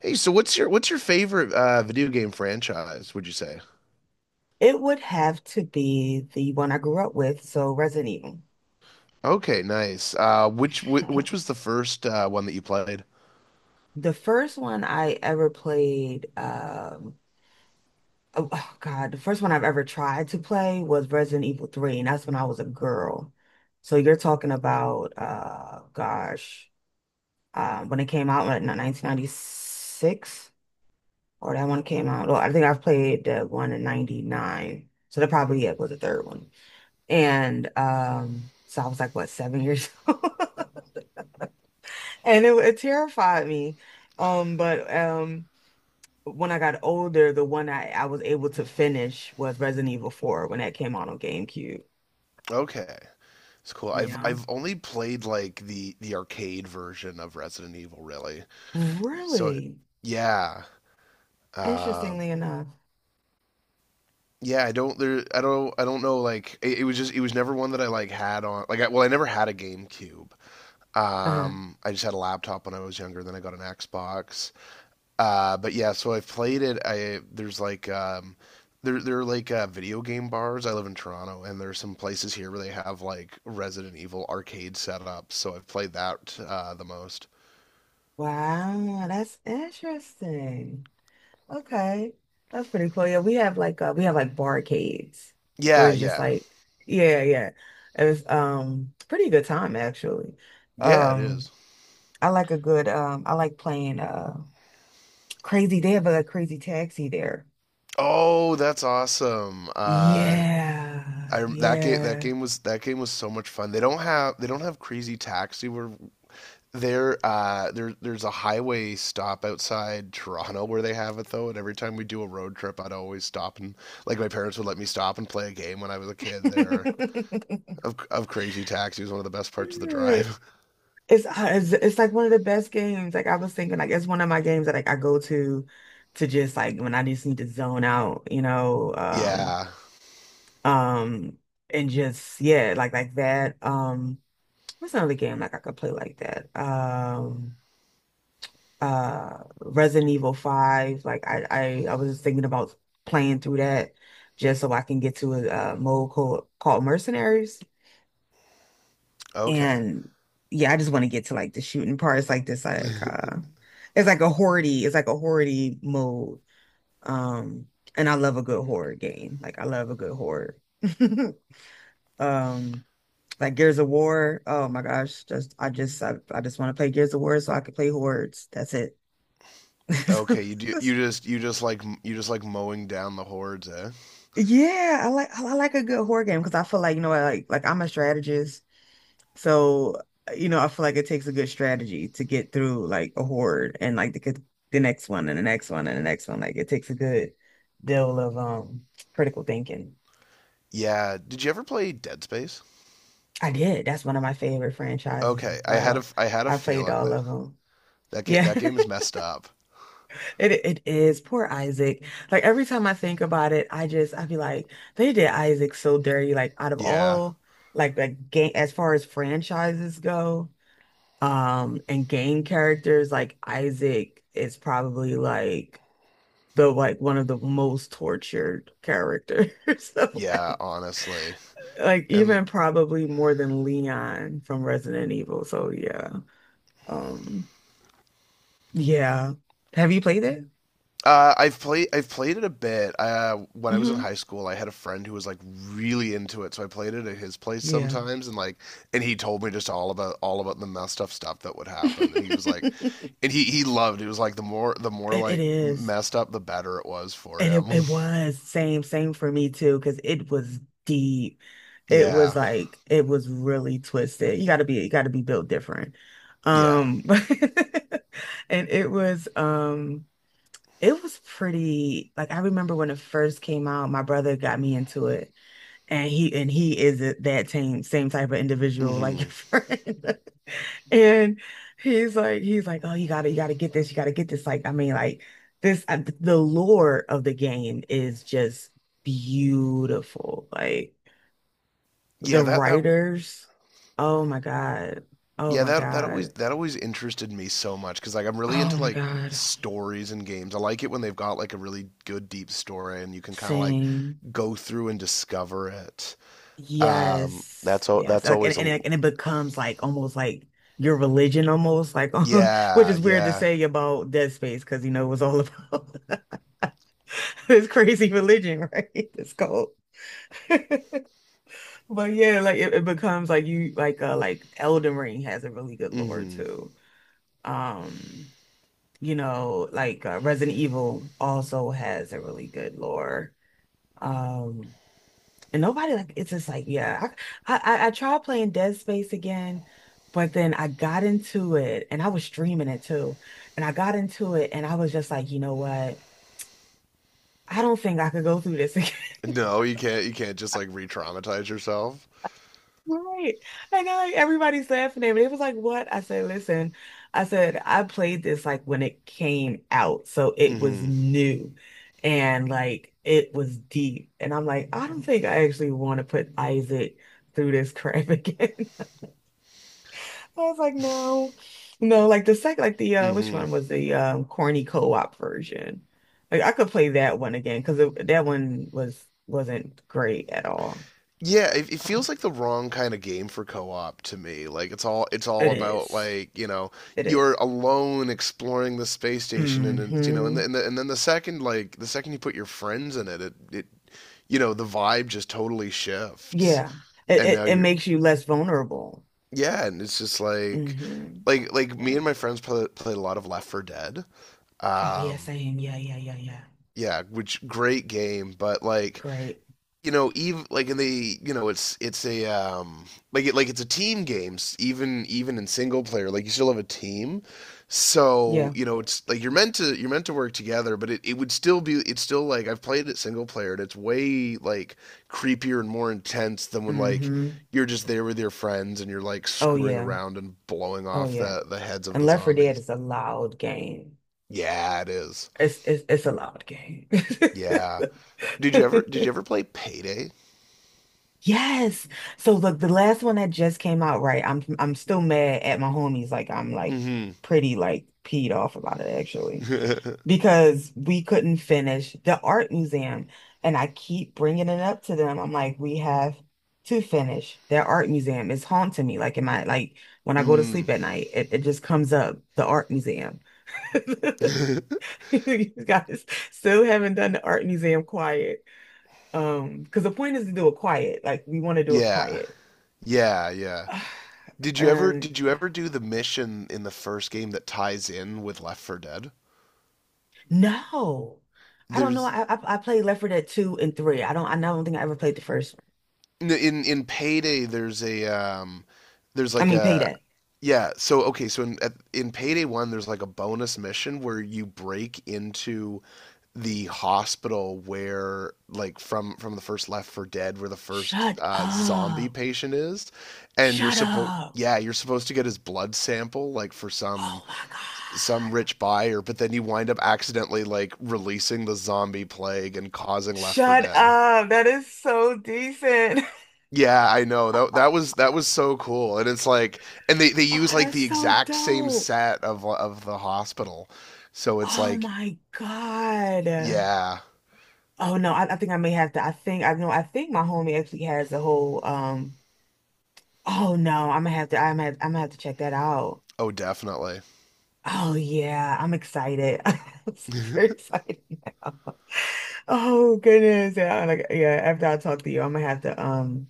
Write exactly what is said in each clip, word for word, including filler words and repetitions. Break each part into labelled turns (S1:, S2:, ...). S1: Hey, so what's your what's your favorite uh, video game franchise, would you say?
S2: It would have to be the one I grew up with, so Resident Evil.
S1: Okay, nice. Uh, which wh which was the first uh, one that you played?
S2: The first one I ever played, um, oh, oh, God, the first one I've ever tried to play was Resident Evil three, and that's when I was a girl. So you're talking about, uh, gosh, uh, when it came out in nineteen ninety-six, or that one came out. Well, I think I've played the one in ninety-nine, so that probably it was the third one. And um, so I was like, what, seven years old? And it, it terrified me. Um, but um when I got older, the one I, I was able to finish was Resident Evil four when that came out on GameCube.
S1: Okay. It's cool. I've
S2: Yeah.
S1: I've only played like the the arcade version of Resident Evil really. So it-
S2: Really?
S1: yeah. Um
S2: Interestingly enough.
S1: yeah, I don't there I don't I don't know like it, it was just it was never one that I like had on like I, well I never had a GameCube.
S2: Uh-huh.
S1: Um I just had a laptop when I was younger, then I got an Xbox. Uh, but yeah, so I've played it. I There's like um, there there are like uh, video game bars. I live in Toronto, and there's some places here where they have like Resident Evil arcade setups. So I've played that uh, the most.
S2: Wow, that's interesting. Okay. That's pretty cool. Yeah, we have like uh we have like barcades where
S1: Yeah,
S2: it's just
S1: yeah,
S2: like, yeah, yeah. It was um pretty good time actually.
S1: yeah. It
S2: Um
S1: is.
S2: I like a good um I like playing uh crazy. They have a crazy taxi there.
S1: Oh, that's awesome. Uh, I
S2: Yeah,
S1: that game that
S2: yeah.
S1: game was that game was so much fun. They don't have they don't have Crazy Taxi where there uh there there's a highway stop outside Toronto where they have it though, and every time we do a road trip I'd always stop and like my parents would let me stop and play a game when I was a kid there of of Crazy Taxi was one of the best parts of the drive.
S2: It's, uh, it's it's like one of the best games. Like I was thinking, like it's one of my games that like I go to to just like when I just need to zone out, you know, um,
S1: Yeah.
S2: um, and just yeah, like like that. Um, what's another game like I could play like that? Um. uh Resident Evil five. Like I, I I was thinking about playing through that just so I can get to a, uh mode called called Mercenaries.
S1: Okay.
S2: And yeah, I just want to get to like the shooting parts like this like uh it's like a hordy, it's like a hordy mode. Um and I love a good horror game. Like I love a good horror. Um like Gears of War. Oh my gosh, just I just I, I just want to play Gears of War so I can play hordes. That's it.
S1: Okay, you do, you just you just like you just like mowing down the hordes, eh?
S2: Yeah, I like I like a good horror game because I feel like, you know, I like like I'm a strategist, so uh, you know, I feel like it takes a good strategy to get through like a horde and like the the next one and the next one and the next one. Like it takes a good deal of um critical thinking.
S1: Yeah. Did you ever play Dead Space?
S2: I did. That's one of my favorite franchises as
S1: Okay, I had a
S2: well.
S1: I had a
S2: I played
S1: feeling
S2: all
S1: that
S2: of them.
S1: that ga-
S2: Yeah.
S1: that game is messed up.
S2: It it is poor Isaac. Like every time I think about it, I just I be like, they did Isaac so dirty. Like out of
S1: Yeah.
S2: all like like game as far as franchises go, um, and game characters, like Isaac is probably like the like one of the most tortured characters. So
S1: Yeah,
S2: like
S1: honestly.
S2: like even
S1: And
S2: probably more than Leon from Resident Evil. So yeah. Um yeah. Have you played it?
S1: Uh, I've played I've played it a bit. Uh, when I was in
S2: Hmm.
S1: high school, I had a friend who was like really into it, so I played it at his place
S2: Yeah.
S1: sometimes, and like, and he told me just all about all about the messed up stuff that would happen, and he was like, and he he loved it. It was like the more the more
S2: It, it
S1: like
S2: is.
S1: messed up, the better it was for
S2: And it,
S1: him.
S2: it was same, same for me too, because it was deep. It was
S1: Yeah,
S2: like it was really twisted. You gotta be you gotta be built different.
S1: yeah,
S2: Um and it was um it was pretty like I remember when it first came out, my brother got me into it. And he and he is a- that same same type of individual like
S1: hmm,
S2: your friend. And he's like he's like, "Oh, you gotta you gotta get this. You gotta get this." Like, I mean, like this uh, the lore of the game is just beautiful. Like
S1: yeah.
S2: the
S1: That that
S2: writers, oh my God. Oh
S1: Yeah,
S2: my
S1: that that always
S2: God.
S1: that always interested me so much because like I'm really
S2: Oh
S1: into
S2: my
S1: like
S2: God.
S1: stories and games. I like it when they've got like a really good deep story and you can kind of like
S2: Same.
S1: go through and discover it. Um,
S2: Yes,
S1: that's al-
S2: yes,
S1: that's
S2: like and
S1: always
S2: and
S1: a
S2: it, and it becomes like almost like your religion, almost like which
S1: yeah,
S2: is weird to
S1: yeah.
S2: say about Dead Space because you know it was all about this crazy religion, right? It's called. But yeah, like it, it becomes like you like uh like Elden Ring has a really good lore
S1: Hmm.
S2: too. Um, you know, like uh, Resident Evil also has a really good lore. Um, And nobody like it's just like, yeah. I, I I tried playing Dead Space again, but then I got into it and I was streaming it too. And I got into it and I was just like, you know what? I don't think I could go through this again.
S1: No, you can't you can't just like re-traumatize yourself.
S2: Right. Like, I know like everybody's laughing at me. It was like, what? I said, listen, I said, I played this like when it came out. So it was
S1: Hmm.
S2: new and like it was deep. And I'm like, I don't think I actually want to put Isaac through this crap again. I was like, no, no, like the second, like the uh, which
S1: Hmm.
S2: one was the um corny co-op version? Like I could play that one again because that one was wasn't great at all.
S1: Yeah, it, it feels
S2: Oh,
S1: like the wrong kind of game for co-op to me. Like it's all it's all
S2: it
S1: about
S2: is.
S1: like, you know,
S2: It
S1: you're
S2: is.
S1: alone exploring the space station, and it's, you know, and the,
S2: Mm-hmm.
S1: and the, and then the second, like the second you put your friends in it, it it you know, the vibe just totally shifts.
S2: Yeah. It,
S1: And
S2: it
S1: now
S2: it
S1: you're
S2: makes you less vulnerable.
S1: yeah, and it's just like
S2: Mm-hmm.
S1: like like me and
S2: Right.
S1: my friends play, played a lot of Left four Dead.
S2: Oh yeah,
S1: Um
S2: same. Yeah, yeah, yeah, yeah.
S1: yeah, which great game, but like,
S2: Great.
S1: you know, even like in the you know, it's it's a um like it like it's a team games, even even in single player, like you still have a team. So,
S2: Yeah.
S1: you know, it's like you're meant to you're meant to work together, but it, it would still be, it's still like, I've played it single player and it's way like creepier and more intense than when like
S2: Mm-hmm.
S1: you're just there with your friends and you're like
S2: Oh
S1: screwing
S2: yeah.
S1: around and blowing
S2: Oh
S1: off
S2: yeah.
S1: the the heads of
S2: And
S1: the
S2: Left four Dead
S1: zombies.
S2: is a loud game.
S1: Yeah, it is.
S2: It's it's it's a loud game.
S1: Yeah. Did you ever did you ever play Payday?
S2: Yes. So look, the last one that just came out, right? I'm I'm still mad at my homies. Like I'm like
S1: Mm-hmm.
S2: pretty like peed off about it actually because we couldn't finish the art museum, and I keep bringing it up to them. I'm like, we have to finish their art museum. It's haunting me. Like in my like when I go to
S1: Mm.
S2: sleep at night, it, it just comes up the art museum. You guys still haven't done the art museum quiet. Um, because the point is to do it quiet. Like we want to do it
S1: Yeah.
S2: quiet.
S1: Yeah, yeah. Did you ever
S2: And
S1: did you ever do the mission in the first game that ties in with Left four Dead?
S2: no, I don't know.
S1: There's
S2: I, I I played Left four Dead two and three. I don't I don't think I ever played the first one.
S1: in in in Payday there's a um there's
S2: I
S1: like
S2: mean, pay
S1: a,
S2: that.
S1: yeah, so okay, so in at, in Payday one there's like a bonus mission where you break into the hospital where like from from the first Left four Dead where the first
S2: Shut
S1: uh zombie
S2: up.
S1: patient is, and you're
S2: Shut
S1: supposed
S2: up.
S1: yeah, you're supposed to get his blood sample like for some
S2: Oh my God.
S1: some rich buyer, but then you wind up accidentally like releasing the zombie plague and causing Left for
S2: Shut
S1: Dead.
S2: up. That is so decent.
S1: Yeah, I know. That that was that was so cool. And it's like, and they they
S2: Oh,
S1: use like
S2: that's
S1: the
S2: so
S1: exact same
S2: dope.
S1: set of of the hospital. So it's
S2: Oh
S1: like
S2: my God.
S1: yeah.
S2: Oh no, I, I think I may have to. I think I know. I think my homie actually has a whole. um Oh no, I'm gonna have to. I'm gonna, I'm gonna have to check that out.
S1: Oh, definitely.
S2: Oh yeah, I'm excited. I'm super excited now. Oh goodness, yeah. Like yeah, after I talk to you, I'm gonna have to. Um,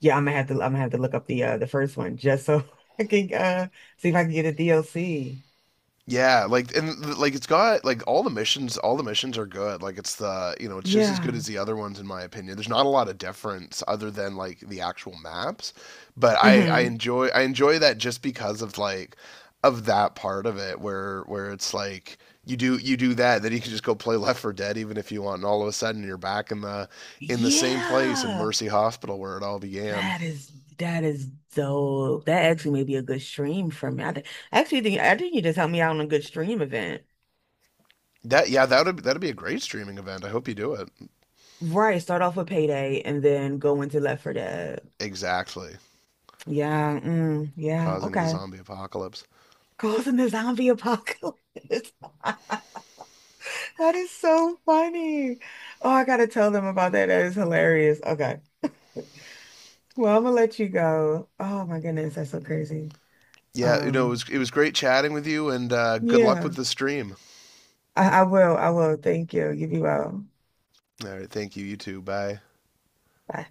S2: yeah, I'm gonna have to. I'm gonna have to look up the uh the first one just so I can uh see if I can get a D L C.
S1: Yeah, like, and like it's got like all the missions, all the missions are good. Like it's the, you know, it's just as good
S2: Yeah.
S1: as the other ones in my opinion. There's not a lot of difference other than like the actual maps, but I I
S2: Hmm.
S1: enjoy I enjoy that just because of like of that part of it where where it's like you do you do that, then you can just go play Left four Dead even if you want, and all of a sudden you're back in the in the same place in
S2: Yeah.
S1: Mercy Hospital where it all began.
S2: That is that is dope. That actually may be a good stream for me. I think I actually think I think you just helped me out on a good stream event.
S1: That Yeah, that would, that'd be a great streaming event. I hope you do it.
S2: Right, start off with Payday and then go into Left for Dead.
S1: Exactly.
S2: Yeah, mm, yeah,
S1: Causing the
S2: okay.
S1: zombie apocalypse.
S2: Causing the zombie apocalypse. That is so funny. Oh, I gotta tell them about that. That is hilarious. Okay. Well, I'm gonna let you go. Oh my goodness, that's so crazy.
S1: Yeah, you know, it
S2: Um,
S1: was, it was great chatting with you, and uh, good luck
S2: yeah,
S1: with the stream.
S2: I, I will. I will. Thank you. You be well.
S1: All right, thank you. You too. Bye.
S2: Bye.